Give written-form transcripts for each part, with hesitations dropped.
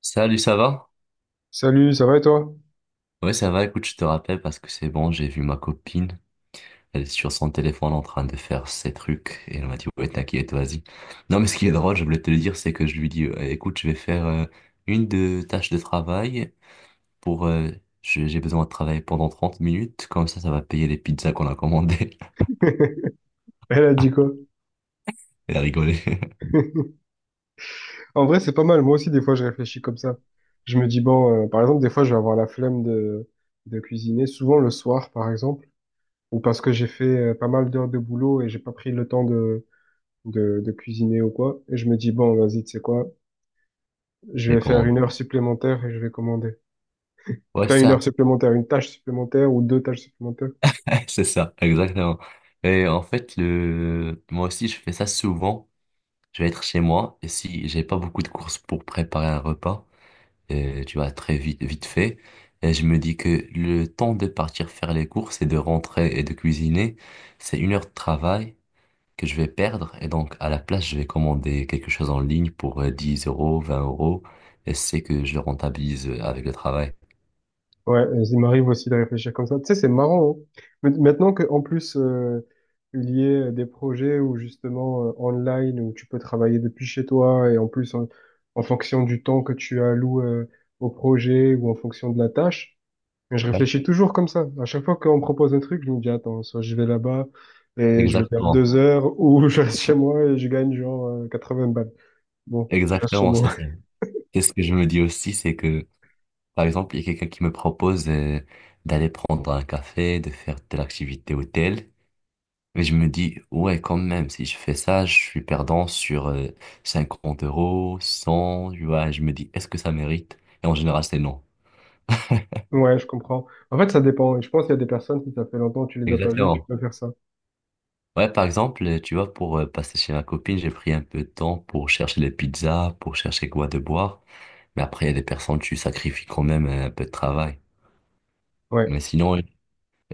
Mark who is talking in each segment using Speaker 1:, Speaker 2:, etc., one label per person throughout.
Speaker 1: Salut, ça va?
Speaker 2: Salut, ça va et toi?
Speaker 1: Ouais, ça va. Écoute, je te rappelle parce que c'est bon, j'ai vu ma copine. Elle est sur son téléphone en train de faire ses trucs et elle m'a dit, ouais, t'inquiète, vas-y. Non, mais ce qui est drôle, je voulais te le dire, c'est que je lui dis, écoute, je vais faire une de tâches de travail pour. J'ai besoin de travailler pendant 30 minutes, comme ça va payer les pizzas qu'on a commandées.
Speaker 2: Elle a dit quoi?
Speaker 1: Elle a rigolé.
Speaker 2: En vrai, c'est pas mal. Moi aussi, des fois, je réfléchis comme ça. Je me dis, bon, par exemple, des fois, je vais avoir la flemme de cuisiner, souvent le soir, par exemple, ou parce que j'ai fait pas mal d'heures de boulot et j'ai pas pris le temps de cuisiner ou quoi. Et je me dis, bon, vas-y, tu sais quoi? Je
Speaker 1: Les
Speaker 2: vais faire
Speaker 1: commandes.
Speaker 2: une heure supplémentaire et je vais commander.
Speaker 1: Ouais, c'est
Speaker 2: T'as une heure
Speaker 1: ça.
Speaker 2: supplémentaire, une tâche supplémentaire ou deux tâches supplémentaires?
Speaker 1: C'est ça, exactement. Et en fait, moi aussi, je fais ça souvent. Je vais être chez moi et si j'ai pas beaucoup de courses pour préparer un repas, tu vas très vite, vite fait. Et je me dis que le temps de partir faire les courses et de rentrer et de cuisiner, c'est 1 heure de travail que je vais perdre. Et donc, à la place, je vais commander quelque chose en ligne pour 10 euros, 20 euros. Et c'est que je le rentabilise avec le travail.
Speaker 2: Ouais, il m'arrive aussi de réfléchir comme ça. Tu sais, c'est marrant, hein. Maintenant qu'en plus, il y ait des projets où justement, online, où tu peux travailler depuis chez toi, et en plus, en fonction du temps que tu alloues, au projet ou en fonction de la tâche, mais je
Speaker 1: Ouais,
Speaker 2: réfléchis toujours comme ça. À chaque fois qu'on me propose un truc, je me dis, attends, soit je vais là-bas et je vais perdre
Speaker 1: exactement.
Speaker 2: deux heures, ou je reste chez moi et je gagne genre, 80 balles. Bon, je reste chez
Speaker 1: Exactement, c'est
Speaker 2: moi.
Speaker 1: ça. Et ce que je me dis aussi, c'est que par exemple, il y a quelqu'un qui me propose d'aller prendre un café, de faire telle activité ou telle. Mais je me dis, ouais, quand même, si je fais ça, je suis perdant sur 50 euros, 100, tu vois. Je me dis, est-ce que ça mérite? Et en général, c'est non.
Speaker 2: Ouais, je comprends. En fait, ça dépend. Je pense qu'il y a des personnes, si ça fait longtemps que tu les as pas vues, tu
Speaker 1: Exactement.
Speaker 2: peux faire ça.
Speaker 1: Ouais, par exemple, tu vois, pour passer chez ma copine, j'ai pris un peu de temps pour chercher les pizzas, pour chercher quoi de boire. Mais après, il y a des personnes, tu sacrifies quand même un peu de travail. Mais
Speaker 2: Ouais,
Speaker 1: sinon,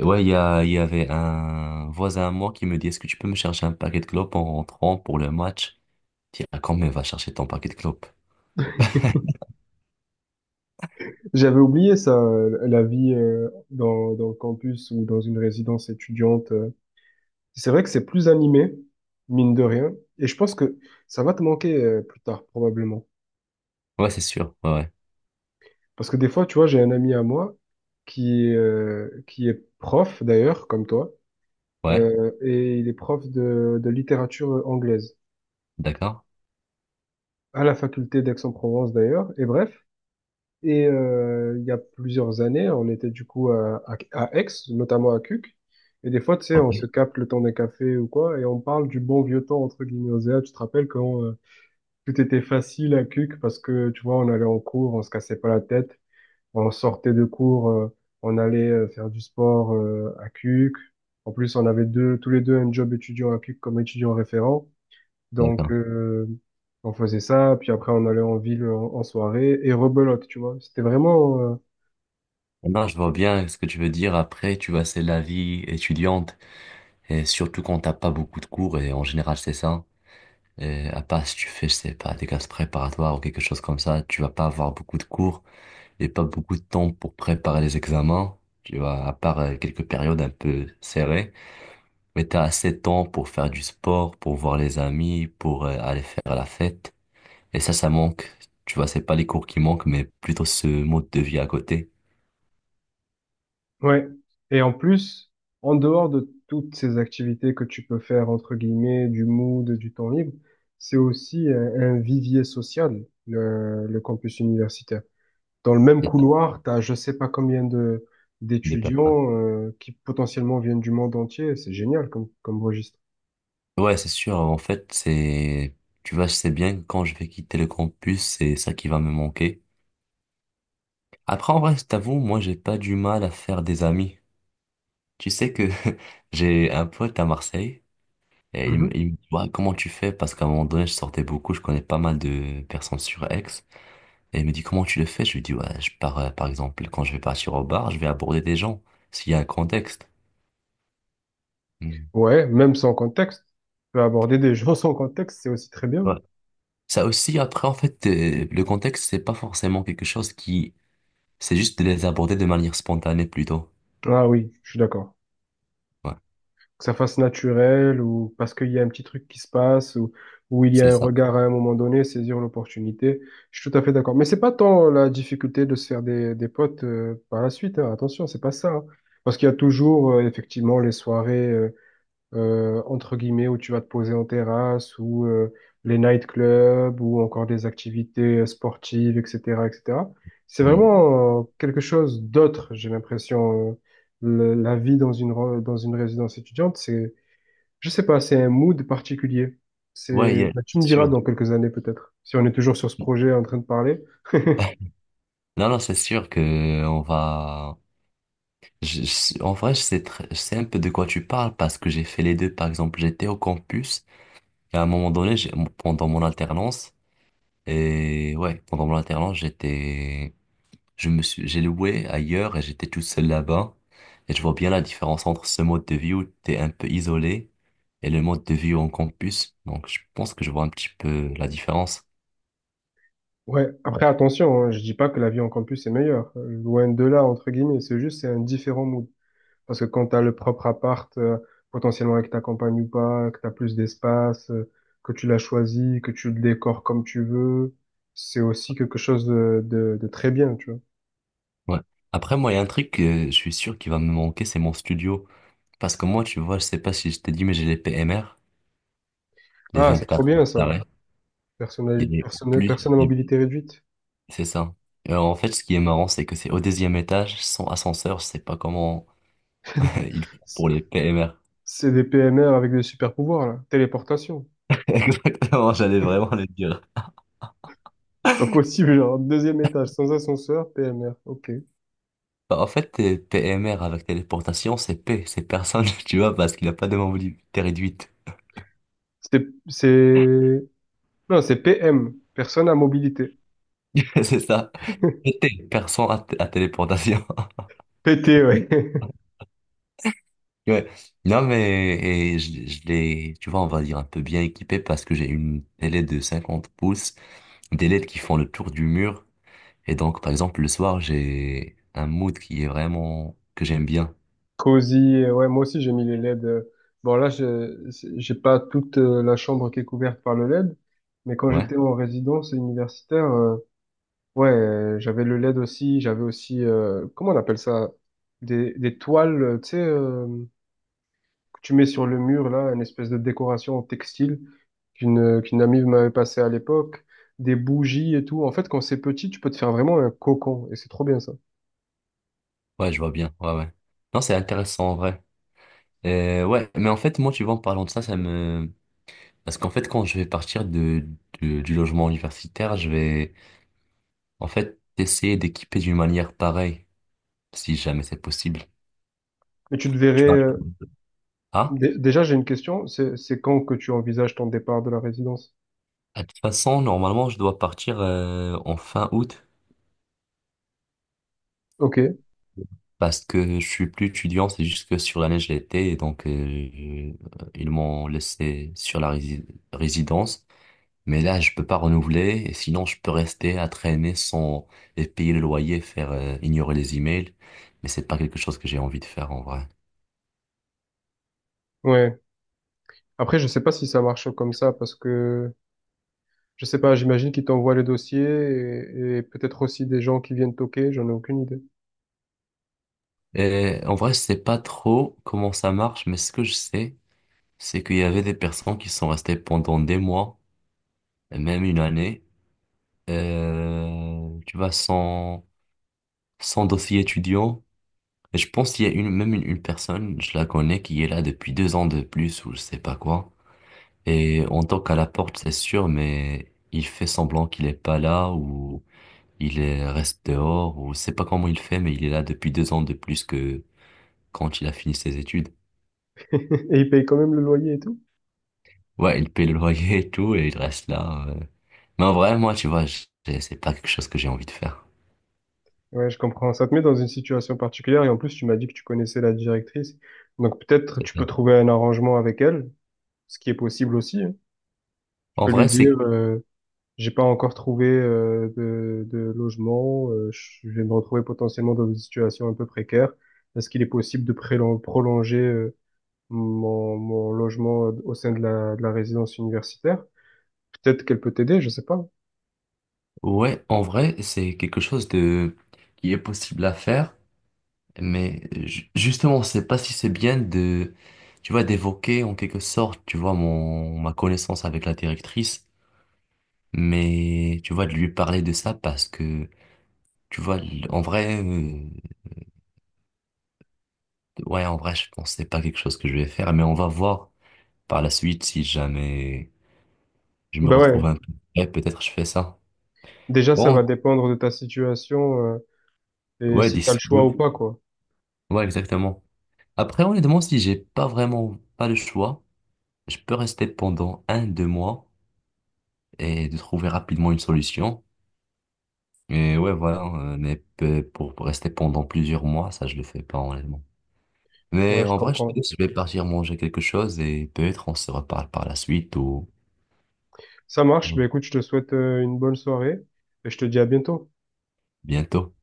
Speaker 1: ouais, il y avait un voisin à moi qui me dit, est-ce que tu peux me chercher un paquet de clopes en rentrant pour le match? Je dis, ah, quand même, va chercher ton paquet de clopes.
Speaker 2: j'avais oublié ça, la vie dans le campus ou dans une résidence étudiante. C'est vrai que c'est plus animé, mine de rien, et je pense que ça va te manquer plus tard, probablement.
Speaker 1: Ouais, c'est sûr. Ouais, ouais.
Speaker 2: Parce que des fois, tu vois, j'ai un ami à moi qui est prof, d'ailleurs, comme toi,
Speaker 1: Ouais,
Speaker 2: et il est prof de littérature anglaise,
Speaker 1: d'accord.
Speaker 2: à la faculté d'Aix-en-Provence, d'ailleurs, et bref. Et il y a plusieurs années, on était du coup à, à Aix, notamment à Cuc. Et des fois, tu sais,
Speaker 1: Ok,
Speaker 2: on se capte le temps d'un café ou quoi, et on parle du bon vieux temps, entre guillemets, Osea. Tu te rappelles quand tout était facile à Cuc parce que, tu vois, on allait en cours, on se cassait pas la tête, on sortait de cours, on allait faire du sport à Cuc. En plus, on avait tous les deux un job étudiant à Cuc comme étudiant référent. Donc,
Speaker 1: d'accord.
Speaker 2: on faisait ça, puis après on allait en ville en soirée et rebelote, tu vois. C'était vraiment,
Speaker 1: Non, je vois bien ce que tu veux dire. Après, tu vois, c'est la vie étudiante. Et surtout quand t'as pas beaucoup de cours, et en général, c'est ça. Et à part si tu fais, je sais pas, des classes préparatoires ou quelque chose comme ça, tu vas pas avoir beaucoup de cours et pas beaucoup de temps pour préparer les examens. Tu vois, à part quelques périodes un peu serrées. Mais t'as assez de temps pour faire du sport, pour voir les amis, pour aller faire la fête. Et ça manque. Tu vois, c'est pas les cours qui manquent, mais plutôt ce mode de vie à côté.
Speaker 2: ouais. Et en plus, en dehors de toutes ces activités que tu peux faire, entre guillemets, du mood, du temps libre, c'est aussi un vivier social, le campus universitaire. Dans le même
Speaker 1: Et t'as
Speaker 2: couloir, t'as je sais pas combien de
Speaker 1: de perdre ça.
Speaker 2: d'étudiants qui potentiellement viennent du monde entier. C'est génial comme, comme registre.
Speaker 1: Ouais, c'est sûr. En fait, c'est, tu vois, je sais bien que quand je vais quitter le campus, c'est ça qui va me manquer. Après, en vrai, je t'avoue, moi, j'ai pas du mal à faire des amis. Tu sais que j'ai un pote à Marseille et
Speaker 2: Mhm.
Speaker 1: il me dit, ouais, comment tu fais? Parce qu'à un moment donné, je sortais beaucoup, je connais pas mal de personnes sur Aix. Et il me dit, comment tu le fais? Je lui dis, ouais, je pars, par exemple, quand je vais partir au bar, je vais aborder des gens, s'il y a un contexte. Hmm.
Speaker 2: Ouais, même sans contexte. Tu peux aborder des gens sans contexte, c'est aussi très bien.
Speaker 1: Ouais. Ça aussi, après, en fait, le contexte, c'est pas forcément quelque chose qui... C'est juste de les aborder de manière spontanée plutôt.
Speaker 2: Ah oui, je suis d'accord.
Speaker 1: Ouais,
Speaker 2: Que ça fasse naturel ou parce qu'il y a un petit truc qui se passe ou il y a
Speaker 1: c'est
Speaker 2: un
Speaker 1: ça.
Speaker 2: regard à un moment donné, saisir l'opportunité. Je suis tout à fait d'accord. Mais c'est pas tant la difficulté de se faire des potes par la suite, hein. Attention, c'est pas ça. Hein. Parce qu'il y a toujours effectivement les soirées, entre guillemets, où tu vas te poser en terrasse, ou les nightclubs, ou encore des activités sportives, etc., etc. C'est
Speaker 1: Hmm.
Speaker 2: vraiment quelque chose d'autre, j'ai l'impression. La vie dans une résidence étudiante, c'est, je sais pas, c'est un mood particulier.
Speaker 1: Ouais,
Speaker 2: C'est,
Speaker 1: yeah,
Speaker 2: bah, tu me
Speaker 1: c'est
Speaker 2: diras
Speaker 1: sûr.
Speaker 2: dans quelques années peut-être, si on est toujours sur ce projet en train de parler.
Speaker 1: Non, non, c'est sûr que on va... en vrai, je sais, je sais un peu de quoi tu parles parce que j'ai fait les deux. Par exemple, j'étais au campus et à un moment donné, pendant mon alternance, et ouais, pendant mon alternance, j'étais, je me suis, j'ai loué ailleurs et j'étais tout seul là-bas. Et je vois bien la différence entre ce mode de vie où t'es un peu isolé et le mode de vie en campus. Donc, je pense que je vois un petit peu la différence.
Speaker 2: Ouais, après attention, hein, je dis pas que la vie en campus est meilleure, loin de là, entre guillemets, c'est juste, c'est un différent mood. Parce que quand tu as le propre appart, potentiellement avec ta compagne ou pas, que tu as plus d'espace, que tu l'as choisi, que tu le décores comme tu veux, c'est aussi quelque chose de très bien, tu vois.
Speaker 1: Ouais. Après, moi, il y a un truc que je suis sûr qui va me manquer, c'est mon studio. Parce que moi, tu vois, je sais pas si je t'ai dit, mais j'ai les PMR, les
Speaker 2: Ah, c'est trop
Speaker 1: 24
Speaker 2: bien
Speaker 1: mètres
Speaker 2: ça.
Speaker 1: carrés.
Speaker 2: Personnalité,
Speaker 1: Et en
Speaker 2: personne,
Speaker 1: plus,
Speaker 2: personne à mobilité réduite.
Speaker 1: c'est ça. En fait, ce qui est marrant, c'est que c'est au deuxième étage, sans ascenseur, je sais pas comment il faut
Speaker 2: C-
Speaker 1: pour les PMR.
Speaker 2: C'est des PMR avec des super pouvoirs, là. Téléportation.
Speaker 1: Exactement, j'allais vraiment le dire.
Speaker 2: C'est pas possible, genre, deuxième étage, sans ascenseur, PMR. Ok.
Speaker 1: Bah, en fait, PMR avec téléportation, c'est P, c'est personne, tu vois, parce qu'il n'a pas de mobilité réduite.
Speaker 2: C'est, c'est, non, c'est PM, personne à mobilité.
Speaker 1: C'est ça. C'était personne à, à téléportation.
Speaker 2: PT, ouais.
Speaker 1: Ouais. Non, mais et je l'ai, tu vois, on va dire un peu bien équipé parce que j'ai une télé de 50 pouces, des LED qui font le tour du mur. Et donc, par exemple, le soir, j'ai un mood qui est vraiment, que j'aime bien.
Speaker 2: Cosy, ouais, moi aussi j'ai mis les LED. Bon là, je- c'est- j'ai pas toute la chambre qui est couverte par le LED, mais quand
Speaker 1: Ouais,
Speaker 2: j'étais en résidence universitaire, ouais, j'avais le LED aussi, j'avais aussi, comment on appelle ça? Des toiles, tu sais, que tu mets sur le mur là, une espèce de décoration en textile qu'une amie m'avait passé à l'époque, des bougies et tout. En fait, quand c'est petit, tu peux te faire vraiment un cocon, et c'est trop bien ça.
Speaker 1: ouais, je vois bien. Ouais, ouais. Non, c'est intéressant en vrai. Ouais, mais en fait, moi, tu vois, en parlant de ça, ça me... Parce qu'en fait, quand je vais partir de, du logement universitaire, je vais, en fait, essayer d'équiper d'une manière pareille, si jamais c'est possible.
Speaker 2: Mais tu te
Speaker 1: Tu
Speaker 2: verrais,
Speaker 1: vois. Ah,
Speaker 2: Déjà, j'ai une question. C'est quand que tu envisages ton départ de la résidence?
Speaker 1: de toute façon, normalement, je dois partir en fin août,
Speaker 2: Ok,
Speaker 1: parce que je suis plus étudiant, c'est juste que sur l'année, je l'étais, et donc, ils m'ont laissé sur la résidence. Mais là, je peux pas renouveler, et sinon je peux rester à traîner sans et payer le loyer, faire ignorer les emails, mais c'est pas quelque chose que j'ai envie de faire en vrai.
Speaker 2: ouais. Après, je sais pas si ça marche comme ça parce que je sais pas, j'imagine qu'ils t'envoient les dossiers et peut-être aussi des gens qui viennent toquer, j'en ai aucune idée.
Speaker 1: Et en vrai, je sais pas trop comment ça marche, mais ce que je sais, c'est qu'il y avait des personnes qui sont restées pendant des mois, même une année, tu vois, sans dossier étudiant. Et je pense qu'il y a une même une personne, je la connais, qui est là depuis 2 ans de plus ou je sais pas quoi. Et on toque à la porte, c'est sûr, mais il fait semblant qu'il est pas là ou reste dehors ou je sais pas comment il fait, mais il est là depuis 2 ans de plus que quand il a fini ses études.
Speaker 2: Et ils payent quand même le loyer et tout?
Speaker 1: Ouais, il paye le loyer et tout et il reste là. Mais en vrai, moi, tu vois, c'est pas quelque chose que j'ai envie de faire.
Speaker 2: Ouais, je comprends. Ça te met dans une situation particulière et en plus, tu m'as dit que tu connaissais la directrice. Donc peut-être
Speaker 1: C'est
Speaker 2: tu
Speaker 1: ça.
Speaker 2: peux trouver un arrangement avec elle, ce qui est possible aussi. Hein. Tu
Speaker 1: En
Speaker 2: peux lui
Speaker 1: vrai,
Speaker 2: dire,
Speaker 1: c'est
Speaker 2: j'ai pas encore trouvé de logement. Je vais me retrouver potentiellement dans une situation un peu précaire. Est-ce qu'il est possible de prolonger mon logement au sein de la résidence universitaire? Peut-être qu'elle peut t'aider, je sais pas.
Speaker 1: ouais, en vrai, c'est quelque chose de qui est possible à faire, mais justement, je sais pas si c'est bien de, tu vois, d'évoquer en quelque sorte, tu vois, mon, ma connaissance avec la directrice, mais tu vois, de lui parler de ça parce que, tu vois, en vrai, ouais, en vrai, je pense que c'est pas quelque chose que je vais faire, mais on va voir par la suite si jamais je me
Speaker 2: Ben ouais,
Speaker 1: retrouve un peu. Ouais, peut-être je fais ça.
Speaker 2: déjà ça
Speaker 1: Bon,
Speaker 2: va dépendre de ta situation et
Speaker 1: ouais,
Speaker 2: si t'as le
Speaker 1: d'ici
Speaker 2: choix
Speaker 1: août.
Speaker 2: ou pas, quoi.
Speaker 1: Ouais, exactement. Après, honnêtement, si j'ai pas vraiment pas le choix, je peux rester pendant un, deux mois et de trouver rapidement une solution. Et ouais, voilà, mais pour rester pendant plusieurs mois, ça, je le fais pas, honnêtement. Mais
Speaker 2: Ouais, je
Speaker 1: en vrai, je te
Speaker 2: comprends.
Speaker 1: laisse, je vais partir manger quelque chose et peut-être on se reparle par la suite ou
Speaker 2: Ça marche.
Speaker 1: ou
Speaker 2: Bah, écoute, je te souhaite une bonne soirée et je te dis à bientôt.
Speaker 1: bientôt.